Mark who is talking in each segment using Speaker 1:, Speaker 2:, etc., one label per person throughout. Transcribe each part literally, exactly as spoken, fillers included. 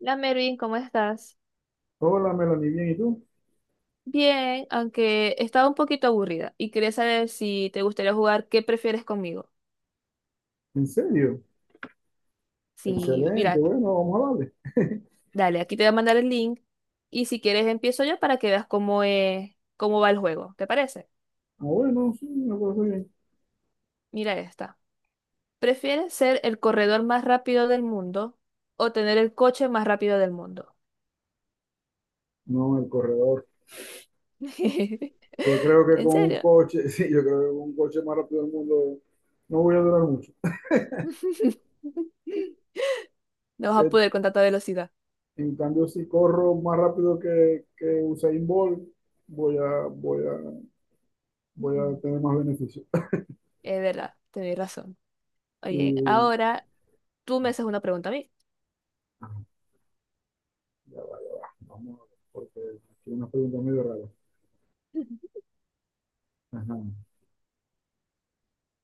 Speaker 1: La Mervin, ¿cómo estás?
Speaker 2: Hola, Melanie, bien, ¿y tú?
Speaker 1: Bien, aunque estaba un poquito aburrida y quería saber si te gustaría jugar qué prefieres conmigo.
Speaker 2: ¿En serio?
Speaker 1: Si,
Speaker 2: Excelente,
Speaker 1: mira,
Speaker 2: bueno, vamos a darle.
Speaker 1: dale, aquí te voy a mandar el link y si quieres empiezo yo para que veas cómo es, cómo va el juego. ¿Te parece?
Speaker 2: Ah, bueno, sí, me parece bien.
Speaker 1: Mira esta. ¿Prefieres ser el corredor más rápido del mundo o tener el coche más rápido del mundo?
Speaker 2: No, el corredor. Yo creo que
Speaker 1: ¿En
Speaker 2: con un
Speaker 1: serio?
Speaker 2: coche, sí, yo creo que con un coche más rápido del mundo no voy a durar mucho.
Speaker 1: No vas a
Speaker 2: Eh,
Speaker 1: poder con tanta velocidad.
Speaker 2: En cambio, si corro más rápido que, que Usain Bolt, voy a, voy a, voy
Speaker 1: Ujú.
Speaker 2: a tener más beneficios.
Speaker 1: Es verdad, tenés razón. Oye,
Speaker 2: Y,
Speaker 1: ahora tú me haces una pregunta a mí.
Speaker 2: ajá, ya va, ya va. Vamos a ver, porque aquí hay una pregunta medio rara. Ajá.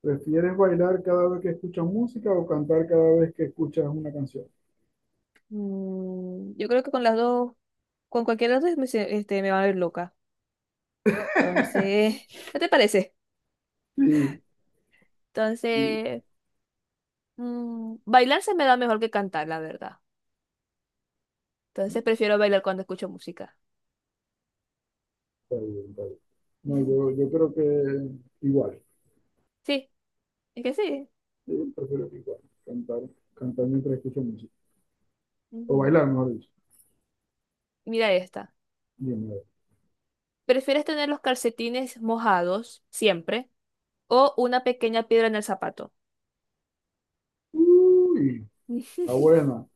Speaker 2: ¿Prefieres bailar cada vez que escuchas música o cantar cada vez que escuchas una canción?
Speaker 1: Mm, yo creo que con las dos, con cualquiera de las dos me, se- este, me va a ver loca. Entonces, ¿qué te parece?
Speaker 2: Sí, sí.
Speaker 1: Entonces, mm, bailar se me da mejor que cantar, la verdad. Entonces
Speaker 2: ¿No?
Speaker 1: prefiero bailar cuando escucho música.
Speaker 2: Está bien, está bien. No,
Speaker 1: Ujú.
Speaker 2: yo, yo creo que igual.
Speaker 1: Sí, es que sí.
Speaker 2: Yo prefiero que igual. Cantar, cantar mientras escucho música. O
Speaker 1: Ujú.
Speaker 2: bailar, mejor dicho.
Speaker 1: Mira esta.
Speaker 2: Bien, a ver.
Speaker 1: ¿Prefieres tener los calcetines mojados siempre o una pequeña piedra en el zapato?
Speaker 2: Uy, está buena.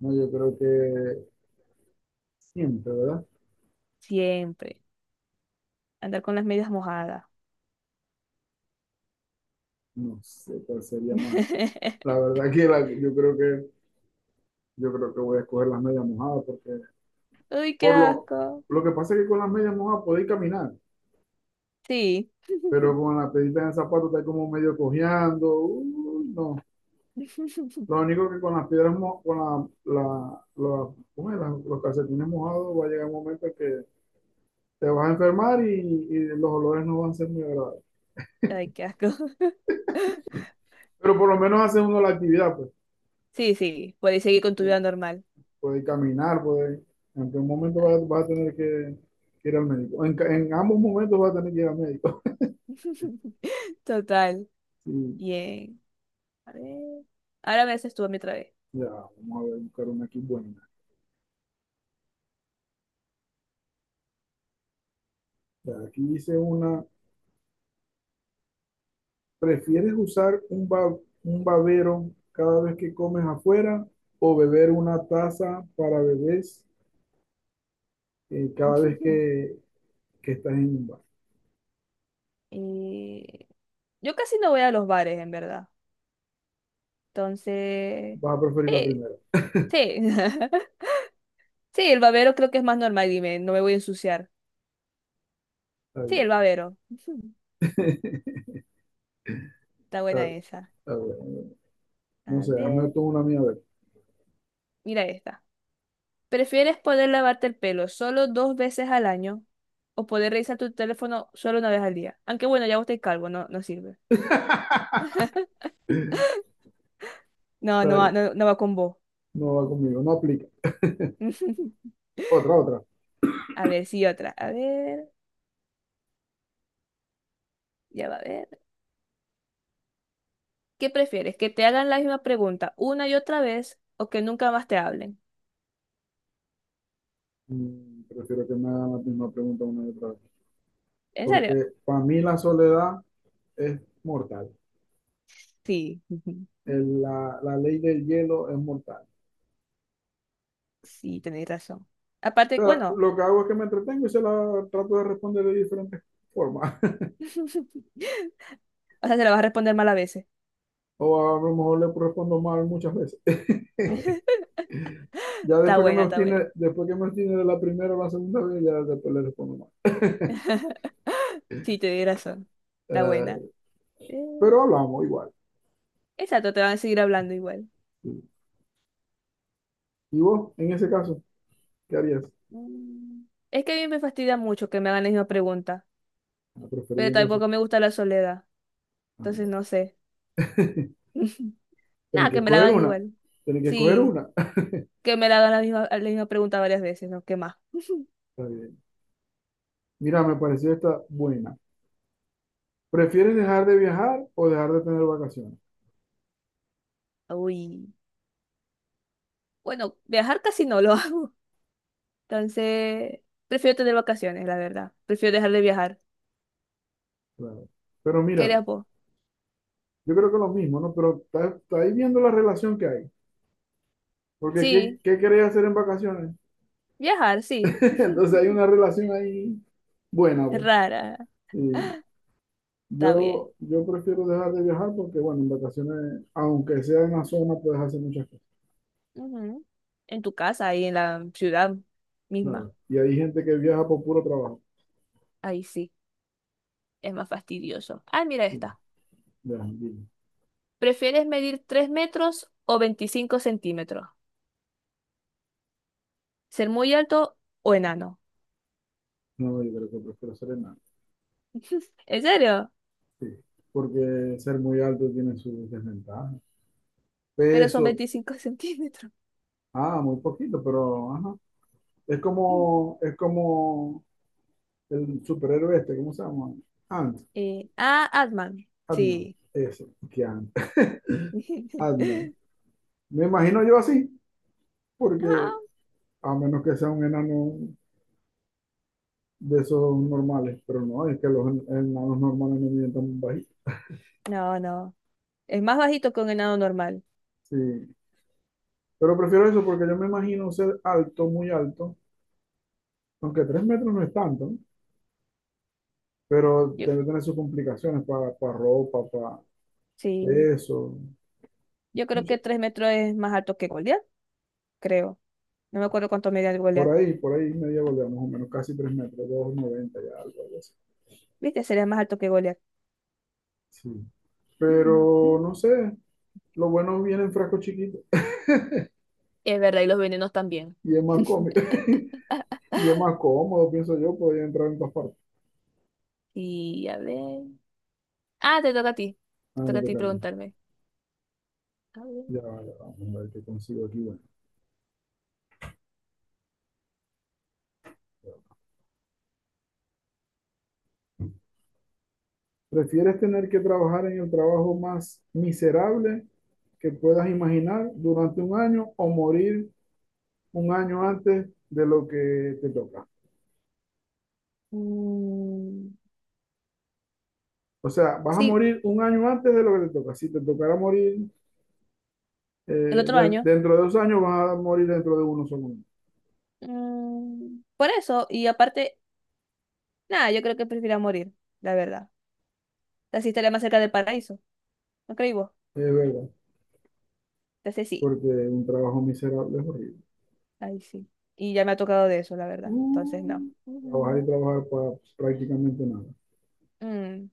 Speaker 2: No, yo creo que siempre, ¿verdad?
Speaker 1: Siempre. Andar con las medias mojadas.
Speaker 2: No sé cuál sería más. La verdad que la- yo creo que yo creo que voy a escoger las medias mojadas porque
Speaker 1: Uy, qué
Speaker 2: por lo
Speaker 1: asco.
Speaker 2: lo que pasa es que con las medias mojadas podéis caminar,
Speaker 1: Sí.
Speaker 2: pero con la pedita en el zapato está como medio cojeando. Uy, no. Lo único que con las piedras, mo- con la, la- la- ¿cómo es? Las- los calcetines mojados, va a llegar un momento que te vas a enfermar y, y los olores no van a ser muy agradables.
Speaker 1: Ay, qué asco.
Speaker 2: Pero por lo menos hace uno la actividad, pues,
Speaker 1: Sí, sí, puedes seguir con tu
Speaker 2: sí,
Speaker 1: vida normal.
Speaker 2: puede caminar, puede, en un momento
Speaker 1: Ah.
Speaker 2: vas, vas a tener que, que ir al médico. En, ca- en ambos momentos vas a tener que ir al médico.
Speaker 1: Total.
Speaker 2: Sí,
Speaker 1: Bien. A ver. Ahora me haces tú a mí otra vez.
Speaker 2: ya, vamos a ver, buscar una aquí buena. Ya, aquí dice una, ¿prefieres usar un, ba- un babero cada vez que comes afuera o beber una taza para bebés? Eh, cada vez que, que estás en un bar.
Speaker 1: Eh, yo casi no voy a los bares, en verdad. Entonces,
Speaker 2: Vas a preferir la
Speaker 1: sí,
Speaker 2: primera.
Speaker 1: sí. Sí, el babero creo que es más normal, dime, no me voy a ensuciar.
Speaker 2: Está
Speaker 1: Sí,
Speaker 2: bien.
Speaker 1: el babero. Está
Speaker 2: Está-
Speaker 1: buena esa.
Speaker 2: Está bueno. No
Speaker 1: A
Speaker 2: sé, hazme
Speaker 1: ver,
Speaker 2: tú una mía a ver.
Speaker 1: mira esta. ¿Prefieres poder lavarte el pelo solo dos veces al año o poder revisar tu teléfono solo una vez al día? Aunque bueno, ya vos estáis calvo, no, no sirve. No, no
Speaker 2: Está
Speaker 1: va,
Speaker 2: bien.
Speaker 1: no, no va con vos.
Speaker 2: No va conmigo, no aplica. Otra, otra.
Speaker 1: A ver, sí, otra. A ver, ya va a ver. ¿Qué prefieres? ¿Que te hagan la misma pregunta una y otra vez o que nunca más te hablen?
Speaker 2: Mm, Prefiero que me hagan la misma pregunta una y otra vez.
Speaker 1: ¿En serio?
Speaker 2: Porque para mí la soledad es mortal.
Speaker 1: Sí.
Speaker 2: El- la, la ley del hielo es mortal.
Speaker 1: Sí, tenéis razón. Aparte,
Speaker 2: O sea,
Speaker 1: bueno.
Speaker 2: lo que hago es que me entretengo y se la trato de responder de diferentes formas.
Speaker 1: O sea, se la vas a responder mal a veces.
Speaker 2: O a lo mejor le respondo mal muchas veces.
Speaker 1: Está
Speaker 2: Ya después que me
Speaker 1: buena, está buena.
Speaker 2: obstine, después que me obstine de la primera o la segunda vez, ya después le respondo más.
Speaker 1: Sí, tenéis razón. Está
Speaker 2: Eh,
Speaker 1: buena. Eh,
Speaker 2: pero hablamos igual.
Speaker 1: Exacto, te van a seguir hablando igual.
Speaker 2: ¿Y vos, en ese caso, qué harías?
Speaker 1: Mm. Es que a mí me fastidia mucho que me hagan la misma pregunta,
Speaker 2: Ah,
Speaker 1: pero
Speaker 2: preferiendo eso.
Speaker 1: tampoco me gusta la soledad, entonces
Speaker 2: Ah,
Speaker 1: no sé.
Speaker 2: tenés
Speaker 1: Nada,
Speaker 2: que
Speaker 1: que me la
Speaker 2: escoger
Speaker 1: hagan
Speaker 2: una.
Speaker 1: igual.
Speaker 2: Tenés que escoger
Speaker 1: Sí,
Speaker 2: una.
Speaker 1: que me la hagan la misma, la misma pregunta varias veces, ¿no? ¿Qué más?
Speaker 2: Está bien. Mira, me pareció esta buena. ¿Prefieres dejar de viajar o dejar de tener vacaciones?
Speaker 1: Uy. Bueno, viajar casi no lo hago, entonces prefiero tener vacaciones, la verdad. Prefiero dejar de viajar.
Speaker 2: Claro. Pero
Speaker 1: ¿Qué
Speaker 2: mira,
Speaker 1: harías vos?
Speaker 2: yo creo que es lo mismo, ¿no? Pero está, está ahí viendo la relación que hay. Porque ¿qué,
Speaker 1: Sí,
Speaker 2: qué querés hacer en vacaciones?
Speaker 1: viajar, sí.
Speaker 2: Entonces hay una relación ahí buena, vos.
Speaker 1: Rara.
Speaker 2: Y
Speaker 1: Está
Speaker 2: Yo,
Speaker 1: bien.
Speaker 2: yo prefiero dejar de viajar porque, bueno, en vacaciones, aunque sea en la zona, puedes hacer muchas cosas,
Speaker 1: Ujú. En tu casa, ahí en la ciudad misma.
Speaker 2: claro. Y hay gente que viaja por puro trabajo.
Speaker 1: Ahí sí, es más fastidioso. Ah, mira
Speaker 2: Sí,
Speaker 1: esta.
Speaker 2: de las anguilas.
Speaker 1: ¿Prefieres medir tres metros o veinticinco centímetros? ¿Ser muy alto o enano?
Speaker 2: No, yo creo que prefiero ser enano.
Speaker 1: ¿En serio?
Speaker 2: Sí, porque ser muy alto tiene sus desventajas.
Speaker 1: Pero son
Speaker 2: Peso,
Speaker 1: veinticinco centímetros.
Speaker 2: ah, muy poquito, pero, ajá. Es como, es como el superhéroe este, ¿cómo se llama? Ant,
Speaker 1: Eh, ah, Atman.
Speaker 2: Ant-Man,
Speaker 1: Sí.
Speaker 2: ese, que Ant, Ant-Man. Me imagino yo así, porque
Speaker 1: Ah,
Speaker 2: a menos que sea un enano de esos normales, pero no, es que los en- enanos normales no miden tan bajito.
Speaker 1: no, no. Es más bajito que un enano normal.
Speaker 2: Sí, pero prefiero eso porque yo me imagino ser alto, muy alto, aunque tres metros no es tanto, ¿no? Pero
Speaker 1: Yo,
Speaker 2: debe tener sus complicaciones para ropa, para
Speaker 1: sí.
Speaker 2: peso,
Speaker 1: Yo creo
Speaker 2: mucho.
Speaker 1: que tres metros es más alto que Goliat, creo. No me acuerdo cuánto medía el
Speaker 2: Por
Speaker 1: Goliat.
Speaker 2: ahí, por ahí media volea, más o menos, casi tres metros, dos noventa y algo, algo así.
Speaker 1: ¿Viste? Sería más alto que Goliat.
Speaker 2: Sí.
Speaker 1: Mm,
Speaker 2: Pero
Speaker 1: mm.
Speaker 2: no sé, lo bueno viene en frasco chiquito
Speaker 1: Es verdad, y los venenos también.
Speaker 2: y es más cómodo, y es más cómodo, pienso yo, podría entrar en todas partes.
Speaker 1: Y a ver. Ah, te toca a ti. Te
Speaker 2: Ah, me
Speaker 1: toca a ti
Speaker 2: toca a mí.
Speaker 1: preguntarme. A ver.
Speaker 2: Ya, va, ya, va, vamos a ver qué consigo aquí. Bueno. ¿Prefieres tener que trabajar en el trabajo más miserable que puedas imaginar durante un año o morir un año antes de lo que te toca?
Speaker 1: Mm,
Speaker 2: O sea, vas a
Speaker 1: sí,
Speaker 2: morir un año antes de lo que te toca. Si te tocara morir eh,
Speaker 1: el otro
Speaker 2: de-
Speaker 1: año.
Speaker 2: dentro de dos años, vas a morir dentro de uno solo.
Speaker 1: Mm, por eso, y aparte, nada, yo creo que prefiero morir, la verdad. Así estaría más cerca del paraíso, ¿no creí vos?
Speaker 2: Es verdad,
Speaker 1: Entonces sí,
Speaker 2: porque un trabajo miserable es horrible.
Speaker 1: ahí sí. Y ya me ha tocado de eso, la verdad. Entonces no.
Speaker 2: Uh, Trabajar y
Speaker 1: Ujú.
Speaker 2: trabajar para prácticamente nada.
Speaker 1: Mm,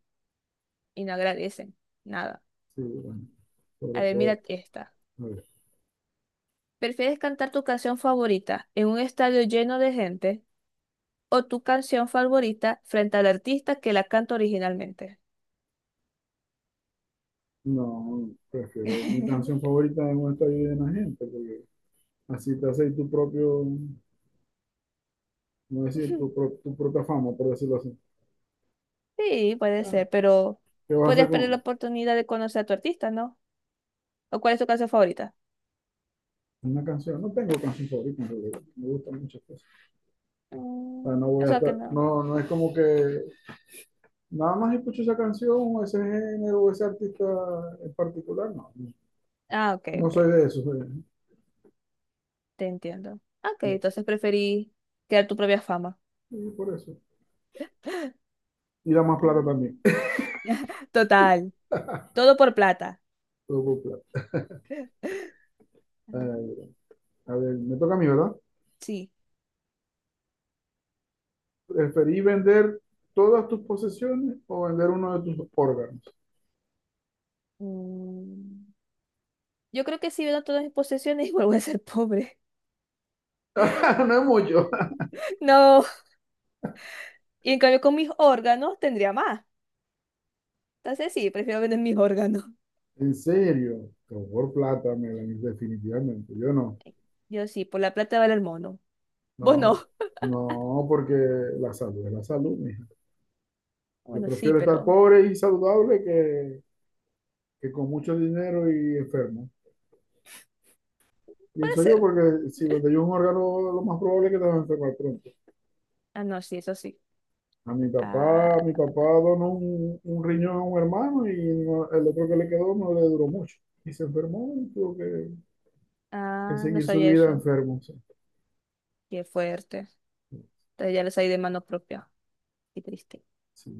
Speaker 1: y no agradecen, nada.
Speaker 2: Sí, bueno,
Speaker 1: A
Speaker 2: sobre
Speaker 1: ver,
Speaker 2: todo.
Speaker 1: mira esta.
Speaker 2: A ver,
Speaker 1: ¿Prefieres cantar tu canción favorita en un estadio lleno de gente o tu canción favorita frente al artista que la canta originalmente?
Speaker 2: no, prefiero mi canción favorita es un estadio llena de la gente, porque así te haces tu propio, no decir, tu, pro- tu propia fama, por decirlo así.
Speaker 1: Sí, puede
Speaker 2: Ah,
Speaker 1: ser, pero
Speaker 2: ¿qué vas a hacer
Speaker 1: podrías perder la
Speaker 2: con
Speaker 1: oportunidad de conocer a tu artista, ¿no? ¿O cuál es tu canción favorita?
Speaker 2: una canción? No tengo canción favorita, en realidad. Me gustan muchas cosas. O sea, no
Speaker 1: Mm,
Speaker 2: voy a
Speaker 1: eso que
Speaker 2: estar,
Speaker 1: no.
Speaker 2: no, no es como que nada más escucho esa canción o ese género o ese artista en particular, no. No,
Speaker 1: Ah, ok,
Speaker 2: no
Speaker 1: ok,
Speaker 2: soy de eso, soy de-
Speaker 1: te entiendo. Ok, entonces preferí crear tu propia fama.
Speaker 2: y por eso. Y da más plata
Speaker 1: Mm.
Speaker 2: también.
Speaker 1: Total, todo por plata.
Speaker 2: Todo por plata.
Speaker 1: Mm.
Speaker 2: Eh, a ver, me toca a mí, ¿verdad?
Speaker 1: Sí.
Speaker 2: ¿Preferí vender todas tus posesiones o vender uno de tus órganos?
Speaker 1: Mm, yo creo que si vendo todas mis posesiones, vuelvo a ser pobre.
Speaker 2: No es mucho.
Speaker 1: No, y en cambio con mis órganos tendría más. Entonces sí, prefiero vender mis órganos.
Speaker 2: En serio, pero por plata, Melanie, definitivamente. Yo no,
Speaker 1: Yo sí, por la plata vale el mono. Vos
Speaker 2: no,
Speaker 1: no.
Speaker 2: no, porque la salud es la salud, mija. Yo
Speaker 1: Bueno, sí,
Speaker 2: prefiero estar
Speaker 1: pero
Speaker 2: pobre y saludable que, que con mucho dinero y enfermo.
Speaker 1: puede
Speaker 2: Pienso yo,
Speaker 1: ser.
Speaker 2: porque si me yo un órgano, lo más probable es que te vas a enfermar pronto.
Speaker 1: Ah, no, sí, eso sí.
Speaker 2: A mi
Speaker 1: Ah,
Speaker 2: papá, mi papá donó un, un riñón a un hermano y no- el otro que le quedó no le duró mucho. Y se enfermó y tuvo que, que
Speaker 1: ah, no
Speaker 2: seguir su
Speaker 1: sabía
Speaker 2: vida
Speaker 1: eso.
Speaker 2: enfermo. O sea,
Speaker 1: Qué fuerte. Entonces ya lo sabía de mano propia. Qué triste.
Speaker 2: sí.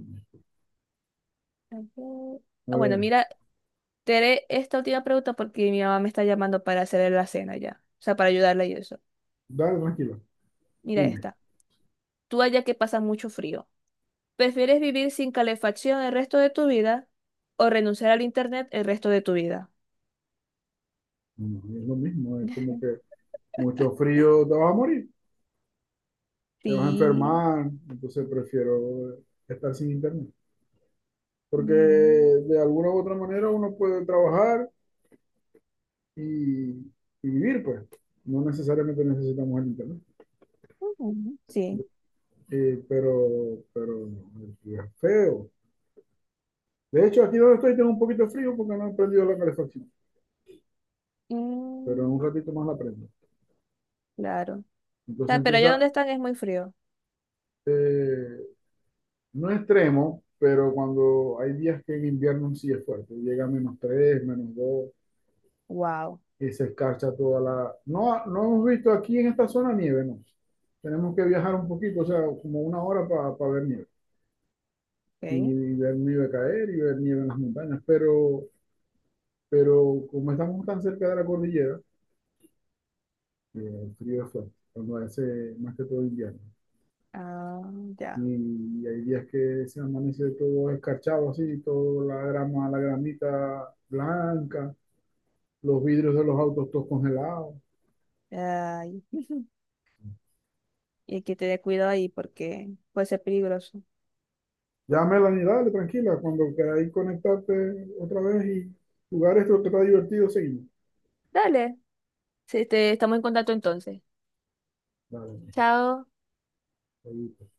Speaker 1: A ver.
Speaker 2: A
Speaker 1: Ah, bueno,
Speaker 2: ver,
Speaker 1: mira, te haré esta última pregunta porque mi mamá me está llamando para hacerle la cena ya. O sea, para ayudarla y eso.
Speaker 2: dale, tranquilo,
Speaker 1: Mira
Speaker 2: dime.
Speaker 1: esta. Tú allá que pasa mucho frío. ¿Prefieres vivir sin calefacción el resto de tu vida o renunciar al internet el resto de tu vida?
Speaker 2: No, es lo mismo, es como que mucho frío te vas a morir, te vas a
Speaker 1: Sí.
Speaker 2: enfermar, entonces prefiero estar sin internet. Porque
Speaker 1: Mm,
Speaker 2: de alguna u otra manera uno puede trabajar y, y vivir, pues. No necesariamente necesitamos el internet.
Speaker 1: ujú, sí,
Speaker 2: Eh, pero, pero el frío es feo. De hecho, aquí donde estoy tengo un poquito de frío porque no he prendido la calefacción, pero en
Speaker 1: mm,
Speaker 2: un ratito más la prendo.
Speaker 1: claro.
Speaker 2: Entonces
Speaker 1: Ah, pero allá
Speaker 2: empieza,
Speaker 1: donde están es muy frío.
Speaker 2: eh, no extremo, pero cuando hay días que en invierno sí es fuerte, llega a menos tres menos
Speaker 1: Wow,
Speaker 2: y se escarcha toda la. No, no hemos visto aquí en esta zona nieve, no. Tenemos que viajar un poquito, o sea, como una hora para pa ver nieve. Y,
Speaker 1: ok.
Speaker 2: y ver nieve caer y ver nieve en las montañas. Pero, pero como estamos tan cerca de la cordillera, eh, el frío es fuerte, cuando hace más que todo invierno.
Speaker 1: Ah, ya.
Speaker 2: Y, y hay días que se amanece todo escarchado así, toda la grama, la gramita blanca, los vidrios de los autos todos congelados.
Speaker 1: Ay. Y hay que tener cuidado ahí porque puede ser peligroso.
Speaker 2: Ya, Melanie, dale, tranquila. Cuando queráis conectarte otra vez y jugar esto que está divertido, seguimos.
Speaker 1: Dale, sí, te- estamos en contacto entonces.
Speaker 2: Dale,
Speaker 1: Chao.
Speaker 2: ahí.